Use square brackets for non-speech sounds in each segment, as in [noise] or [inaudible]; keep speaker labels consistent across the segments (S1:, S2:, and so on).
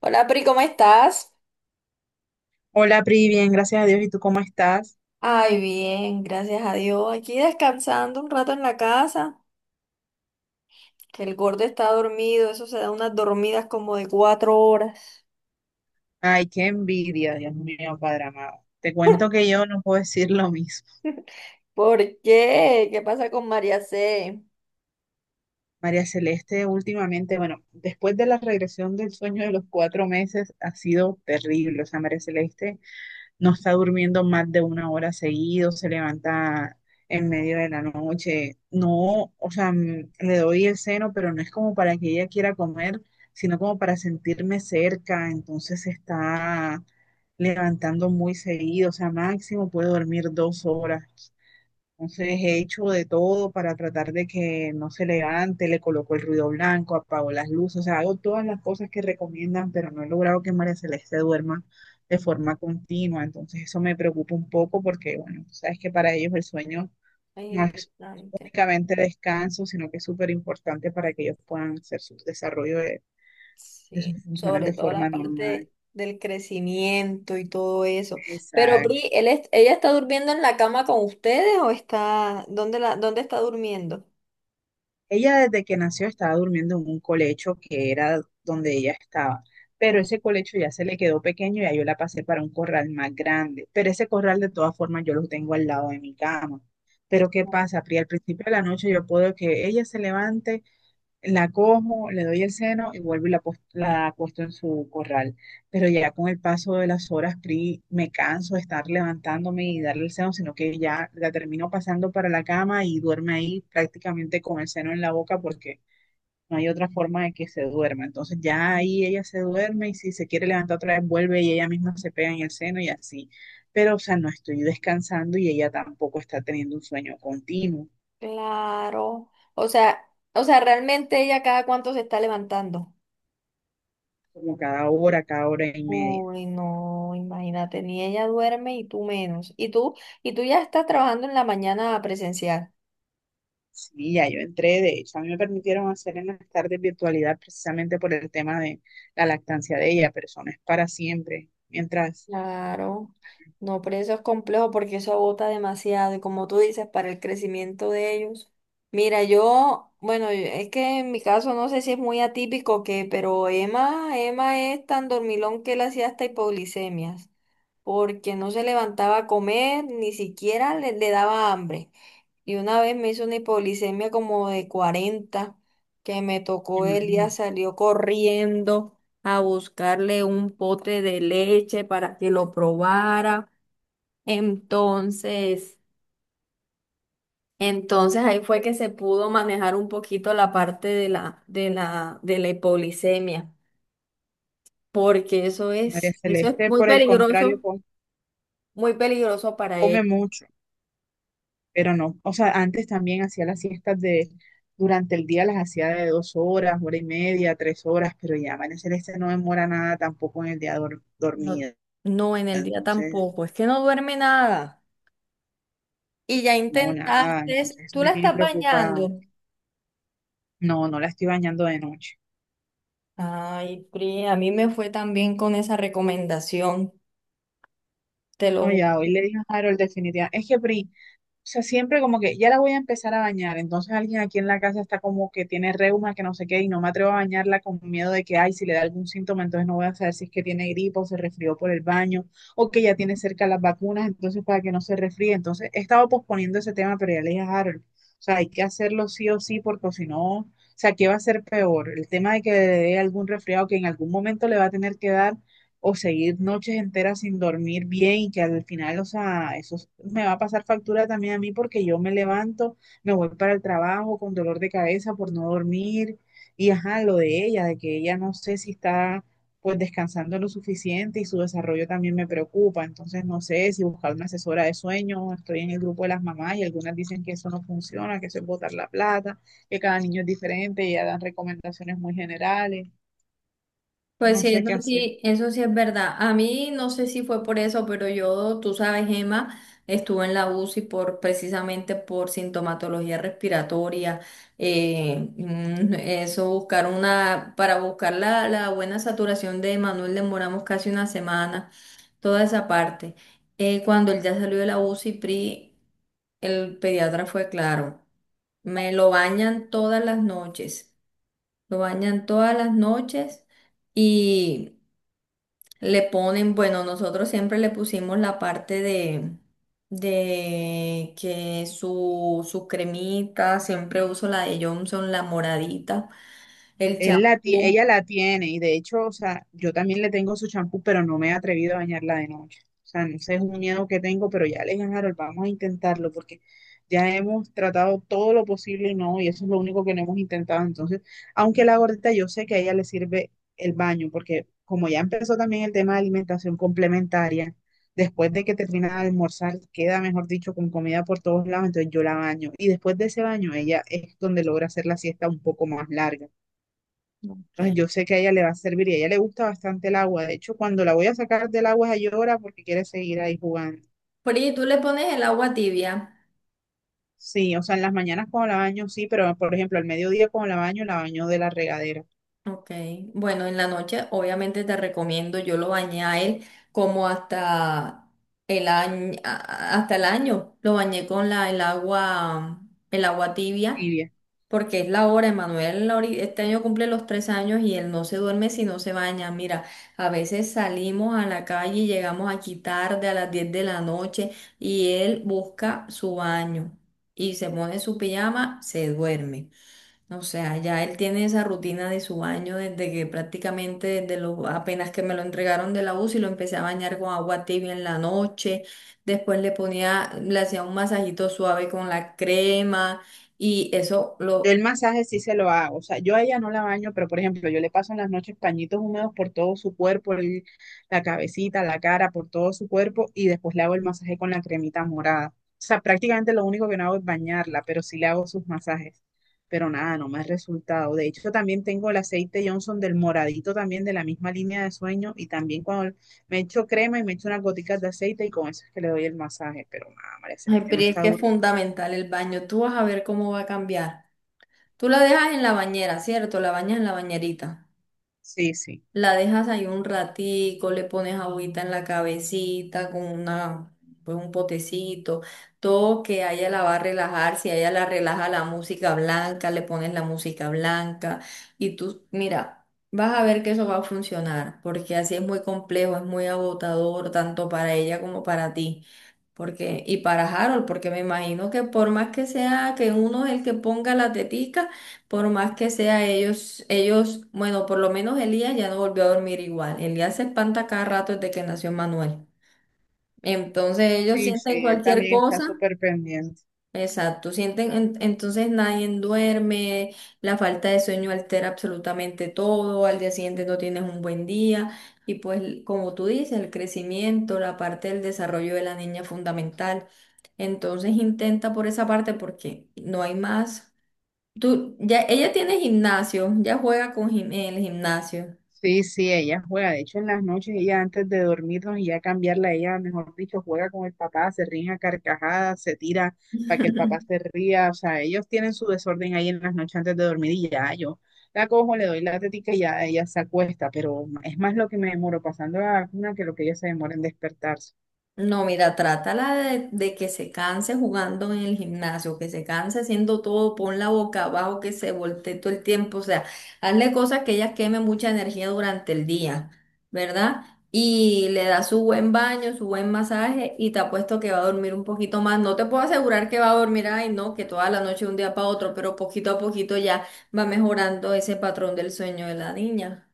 S1: Hola Pri, ¿cómo estás?
S2: Hola, Pri, bien, gracias a Dios. ¿Y tú cómo estás?
S1: Ay, bien, gracias a Dios. Aquí descansando un rato en la casa, que el gordo está dormido, eso se da unas dormidas como de 4 horas.
S2: Ay, qué envidia, Dios mío, Padre amado. Te cuento
S1: [laughs]
S2: que yo no puedo decir lo mismo.
S1: ¿Por qué? ¿Qué pasa con María C?
S2: María Celeste, últimamente, bueno, después de la regresión del sueño de los 4 meses, ha sido terrible. O sea, María Celeste no está durmiendo más de 1 hora seguido, se levanta en medio de la noche. No, o sea, le doy el seno, pero no es como para que ella quiera comer, sino como para sentirme cerca. Entonces se está levantando muy seguido, o sea, máximo puede dormir 2 horas. Entonces he hecho de todo para tratar de que no se levante, le coloco el ruido blanco, apago las luces, o sea, hago todas las cosas que recomiendan, pero no he logrado que María Celeste duerma de forma continua. Entonces eso me preocupa un poco porque, bueno, tú sabes que para ellos el sueño
S1: Es
S2: no es
S1: importante,
S2: únicamente descanso, sino que es súper importante para que ellos puedan hacer su desarrollo de
S1: sí,
S2: sus funciones
S1: sobre
S2: de
S1: todo
S2: forma
S1: la
S2: normal.
S1: parte del crecimiento y todo eso. Pero Pri,
S2: Exacto.
S1: ¿ella está durmiendo en la cama con ustedes o está. Está, ¿dónde está durmiendo?
S2: Ella desde que nació estaba durmiendo en un colecho que era donde ella estaba, pero ese colecho ya se le quedó pequeño y ya yo la pasé para un corral más grande, pero ese corral de todas formas yo lo tengo al lado de mi cama. Pero ¿qué pasa, Pri? Al principio de la noche yo puedo que ella se levante la cojo, le doy el seno y vuelvo y la, la acuesto en su corral. Pero ya con el paso de las horas, Pri, me canso de estar levantándome y darle el seno, sino que ya la termino pasando para la cama y duerme ahí prácticamente con el seno en la boca porque no hay otra forma de que se duerma. Entonces ya ahí ella se duerme y si se quiere levantar otra vez, vuelve y ella misma se pega en el seno y así. Pero, o sea, no estoy descansando y ella tampoco está teniendo un sueño continuo,
S1: Claro. O sea, realmente ella cada cuánto se está levantando.
S2: como cada hora y media.
S1: Uy, no, imagínate, ni ella duerme y tú menos. Y tú ya estás trabajando en la mañana presencial.
S2: Sí, ya yo entré, de hecho, a mí me permitieron hacer en las tardes virtualidad precisamente por el tema de la lactancia de ella, pero eso no es para siempre. Mientras,
S1: Claro, no, pero eso es complejo porque eso agota demasiado y como tú dices, para el crecimiento de ellos. Mira, yo, bueno, es que en mi caso no sé si es muy atípico que, pero Emma, Emma es tan dormilón que él hacía hasta hipoglicemias, porque no se levantaba a comer, ni siquiera le daba hambre. Y una vez me hizo una hipoglicemia como de 40 que me tocó él, ya
S2: imagínate,
S1: salió corriendo a buscarle un pote de leche para que lo probara. Entonces, entonces, ahí fue que se pudo manejar un poquito la parte de la hipoglicemia, porque eso
S2: María
S1: es, eso es
S2: Celeste, por el contrario,
S1: muy peligroso para
S2: come,
S1: él.
S2: mucho, pero no, o sea, antes también hacía las siestas de, durante el día las hacía de 2 horas, hora y media, 3 horas, pero ya María Celeste no demora nada tampoco en el día
S1: No,
S2: dormida,
S1: no, en el día
S2: entonces,
S1: tampoco, es que no duerme nada. Y ya
S2: no, nada,
S1: intentaste,
S2: entonces eso
S1: tú
S2: me
S1: la
S2: tiene
S1: estás
S2: preocupada.
S1: bañando.
S2: No, no la estoy bañando de noche.
S1: Ay, Pri, a mí me fue también con esa recomendación, te lo
S2: No,
S1: juro.
S2: ya, hoy le dije a Harold definitivamente. Es que, Pri, o sea, siempre como que ya la voy a empezar a bañar. Entonces alguien aquí en la casa está como que tiene reuma, que no sé qué, y no me atrevo a bañarla con miedo de que, ay, si le da algún síntoma, entonces no voy a saber si es que tiene gripa o se resfrió por el baño, o que ya tiene cerca las vacunas, entonces para que no se resfríe. Entonces he estado posponiendo ese tema, pero ya le dije a Harold, o sea, hay que hacerlo sí o sí, porque si no, o sea, ¿qué va a ser peor? El tema de que le dé algún resfriado que en algún momento le va a tener que dar o seguir noches enteras sin dormir bien y que al final, o sea, eso es- me va a pasar factura también a mí porque yo me levanto, me voy para el trabajo con dolor de cabeza por no dormir y ajá, lo de ella, de que ella no sé si está pues descansando lo suficiente y su desarrollo también me preocupa, entonces no sé si buscar una asesora de sueño, estoy en el grupo de las mamás y algunas dicen que eso no funciona, que eso es botar la plata, que cada niño es diferente y ya dan recomendaciones muy generales,
S1: Pues
S2: no
S1: sí,
S2: sé
S1: eso
S2: qué hacer.
S1: sí, eso sí es verdad. A mí no sé si fue por eso, pero yo, tú sabes, Emma, estuve en la UCI por precisamente por sintomatología respiratoria. Eso buscar una, para buscar la buena saturación de Manuel demoramos casi una semana, toda esa parte. Cuando él ya salió de la UCI, Pri, el pediatra fue claro. Me lo bañan todas las noches. Lo bañan todas las noches y le ponen, bueno, nosotros siempre le pusimos la parte de, que su cremita, siempre uso la de Johnson, la moradita, el
S2: Él la,
S1: champú.
S2: ella la tiene y de hecho, o sea, yo también le tengo su champú, pero no me he atrevido a bañarla de noche. O sea, no sé, es un miedo que tengo, pero ya le dije, Harold, vamos a intentarlo porque ya hemos tratado todo lo posible y no, y eso es lo único que no hemos intentado. Entonces, aunque la gordita, yo sé que a ella le sirve el baño, porque como ya empezó también el tema de alimentación complementaria, después de que termina de almorzar, queda, mejor dicho, con comida por todos lados, entonces yo la baño. Y después de ese baño, ella es donde logra hacer la siesta un poco más larga.
S1: Ok.
S2: Ah, yo sé que a ella le va a servir y a ella le gusta bastante el agua. De hecho, cuando la voy a sacar del agua, ella llora porque quiere seguir ahí jugando.
S1: Porque tú le pones el agua tibia.
S2: Sí, o sea, en las mañanas cuando la baño, sí, pero por ejemplo, al mediodía cuando la baño de la regadera
S1: Ok, bueno, en la noche obviamente te recomiendo, yo lo bañé a él como hasta el año, lo bañé el agua tibia,
S2: tibia.
S1: porque es la hora, este año cumple los 3 años y él no se duerme si no se baña. Mira, a veces salimos a la calle y llegamos aquí tarde a las 10 de la noche y él busca su baño y se pone su pijama, se duerme. O sea, ya él tiene esa rutina de su baño desde que prácticamente desde lo, apenas que me lo entregaron de la UCI lo empecé a bañar con agua tibia en la noche, después le ponía, le hacía un masajito suave con la crema y eso
S2: Yo
S1: lo.
S2: el masaje sí se lo hago, o sea, yo a ella no la baño, pero por ejemplo, yo le paso en las noches pañitos húmedos por todo su cuerpo, la cabecita, la cara, por todo su cuerpo y después le hago el masaje con la cremita morada. O sea, prácticamente lo único que no hago es bañarla, pero sí le hago sus masajes. Pero nada, no me ha resultado. De hecho, también tengo el aceite Johnson del moradito también de la misma línea de sueño y también cuando me echo crema y me echo unas goticas de aceite y con eso es que le doy el masaje. Pero nada, María
S1: Ay,
S2: Celeste
S1: pero
S2: no
S1: es
S2: está
S1: que es
S2: durmiendo.
S1: fundamental el baño, tú vas a ver cómo va a cambiar. Tú la dejas en la bañera, ¿cierto? La bañas en la bañerita.
S2: Sí, sí.
S1: La dejas ahí un ratico, le pones agüita en la cabecita con una, pues un potecito, todo que a ella la va a relajar, si a ella la relaja la música blanca, le pones la música blanca y tú, mira, vas a ver que eso va a funcionar, porque así es muy complejo, es muy agotador, tanto para ella como para ti. Porque, y para Harold, porque me imagino que por más que sea que uno es el que ponga la tetica, por más que sea ellos, bueno, por lo menos Elías ya no volvió a dormir igual. Elías se espanta cada rato desde que nació Manuel. Entonces ellos
S2: Sí,
S1: sienten
S2: sí, él
S1: cualquier
S2: también está
S1: cosa.
S2: súper pendiente.
S1: Exacto, sienten, entonces nadie duerme, la falta de sueño altera absolutamente todo, al día siguiente no tienes un buen día y pues como tú dices, el crecimiento, la parte del desarrollo de la niña es fundamental. Entonces intenta por esa parte porque no hay más. Tú, ya, ella tiene gimnasio, ya juega en el gimnasio.
S2: Sí, sí, ella juega. De hecho, en las noches, ella antes de dormirnos y ya cambiarla, ella, mejor dicho, juega con el papá, se ríe a carcajadas, se tira para que el papá se ría. O sea, ellos tienen su desorden ahí en las noches antes de dormir y ya yo la cojo, le doy la tetica y ya ella se acuesta. Pero es más lo que me demoro pasando a la vacuna que lo que ella se demora en despertarse.
S1: No, mira, trátala de que se canse jugando en el gimnasio, que se canse haciendo todo, pon la boca abajo, que se voltee todo el tiempo, o sea, hazle cosas que ella queme mucha energía durante el día, ¿verdad? Y le da su buen baño, su buen masaje y te apuesto que va a dormir un poquito más. No te puedo asegurar que va a dormir, ay, no, que toda la noche de un día para otro, pero poquito a poquito ya va mejorando ese patrón del sueño de la niña.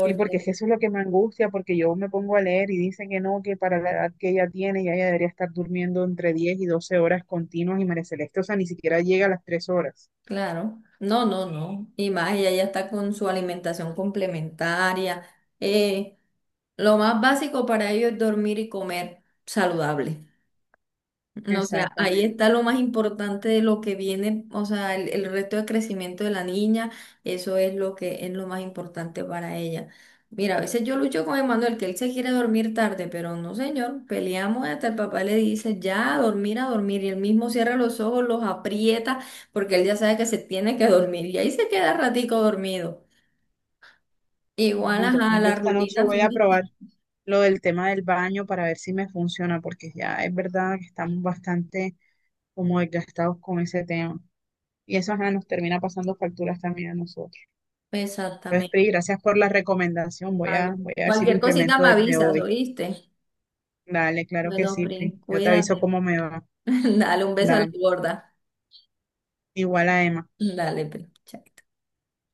S2: Y porque es que eso es lo que me angustia, porque yo me pongo a leer y dicen que no, que para la edad que ella tiene, ya ella debería estar durmiendo entre 10 y 12 horas continuas y María Celeste, o sea, ni siquiera llega a las 3 horas.
S1: Claro, no, no, no. Y más, ella ya está con su alimentación complementaria. Eh, lo más básico para ellos es dormir y comer saludable. No, o sea, ahí
S2: Exactamente.
S1: está lo más importante de lo que viene, o sea, el resto de crecimiento de la niña, eso es lo que es lo más importante para ella. Mira, a veces yo lucho con Emanuel que él se quiere dormir tarde, pero no, señor, peleamos hasta el papá le dice ya a dormir, y él mismo cierra los ojos, los aprieta, porque él ya sabe que se tiene que dormir, y ahí se queda ratico dormido.
S2: Bueno,
S1: Igual, ajá,
S2: entonces yo
S1: las
S2: esta noche
S1: rutinas
S2: voy
S1: son
S2: a probar
S1: distintas.
S2: lo del tema del baño para ver si me funciona, porque ya es verdad que estamos bastante como desgastados con ese tema. Y eso ajá, nos termina pasando facturas también a nosotros. Entonces,
S1: Exactamente.
S2: Pri, gracias por la recomendación. Voy
S1: Ah, no.
S2: a, voy a ver si lo
S1: Cualquier cosita
S2: implemento
S1: me
S2: desde
S1: avisas,
S2: hoy.
S1: ¿oíste?
S2: Dale, claro que
S1: Bueno,
S2: sí, Pri.
S1: Prin,
S2: Yo te aviso
S1: cuídate.
S2: cómo me va.
S1: [laughs] Dale un beso a la
S2: Dale.
S1: gorda.
S2: Igual a Emma.
S1: Dale, pero, chao.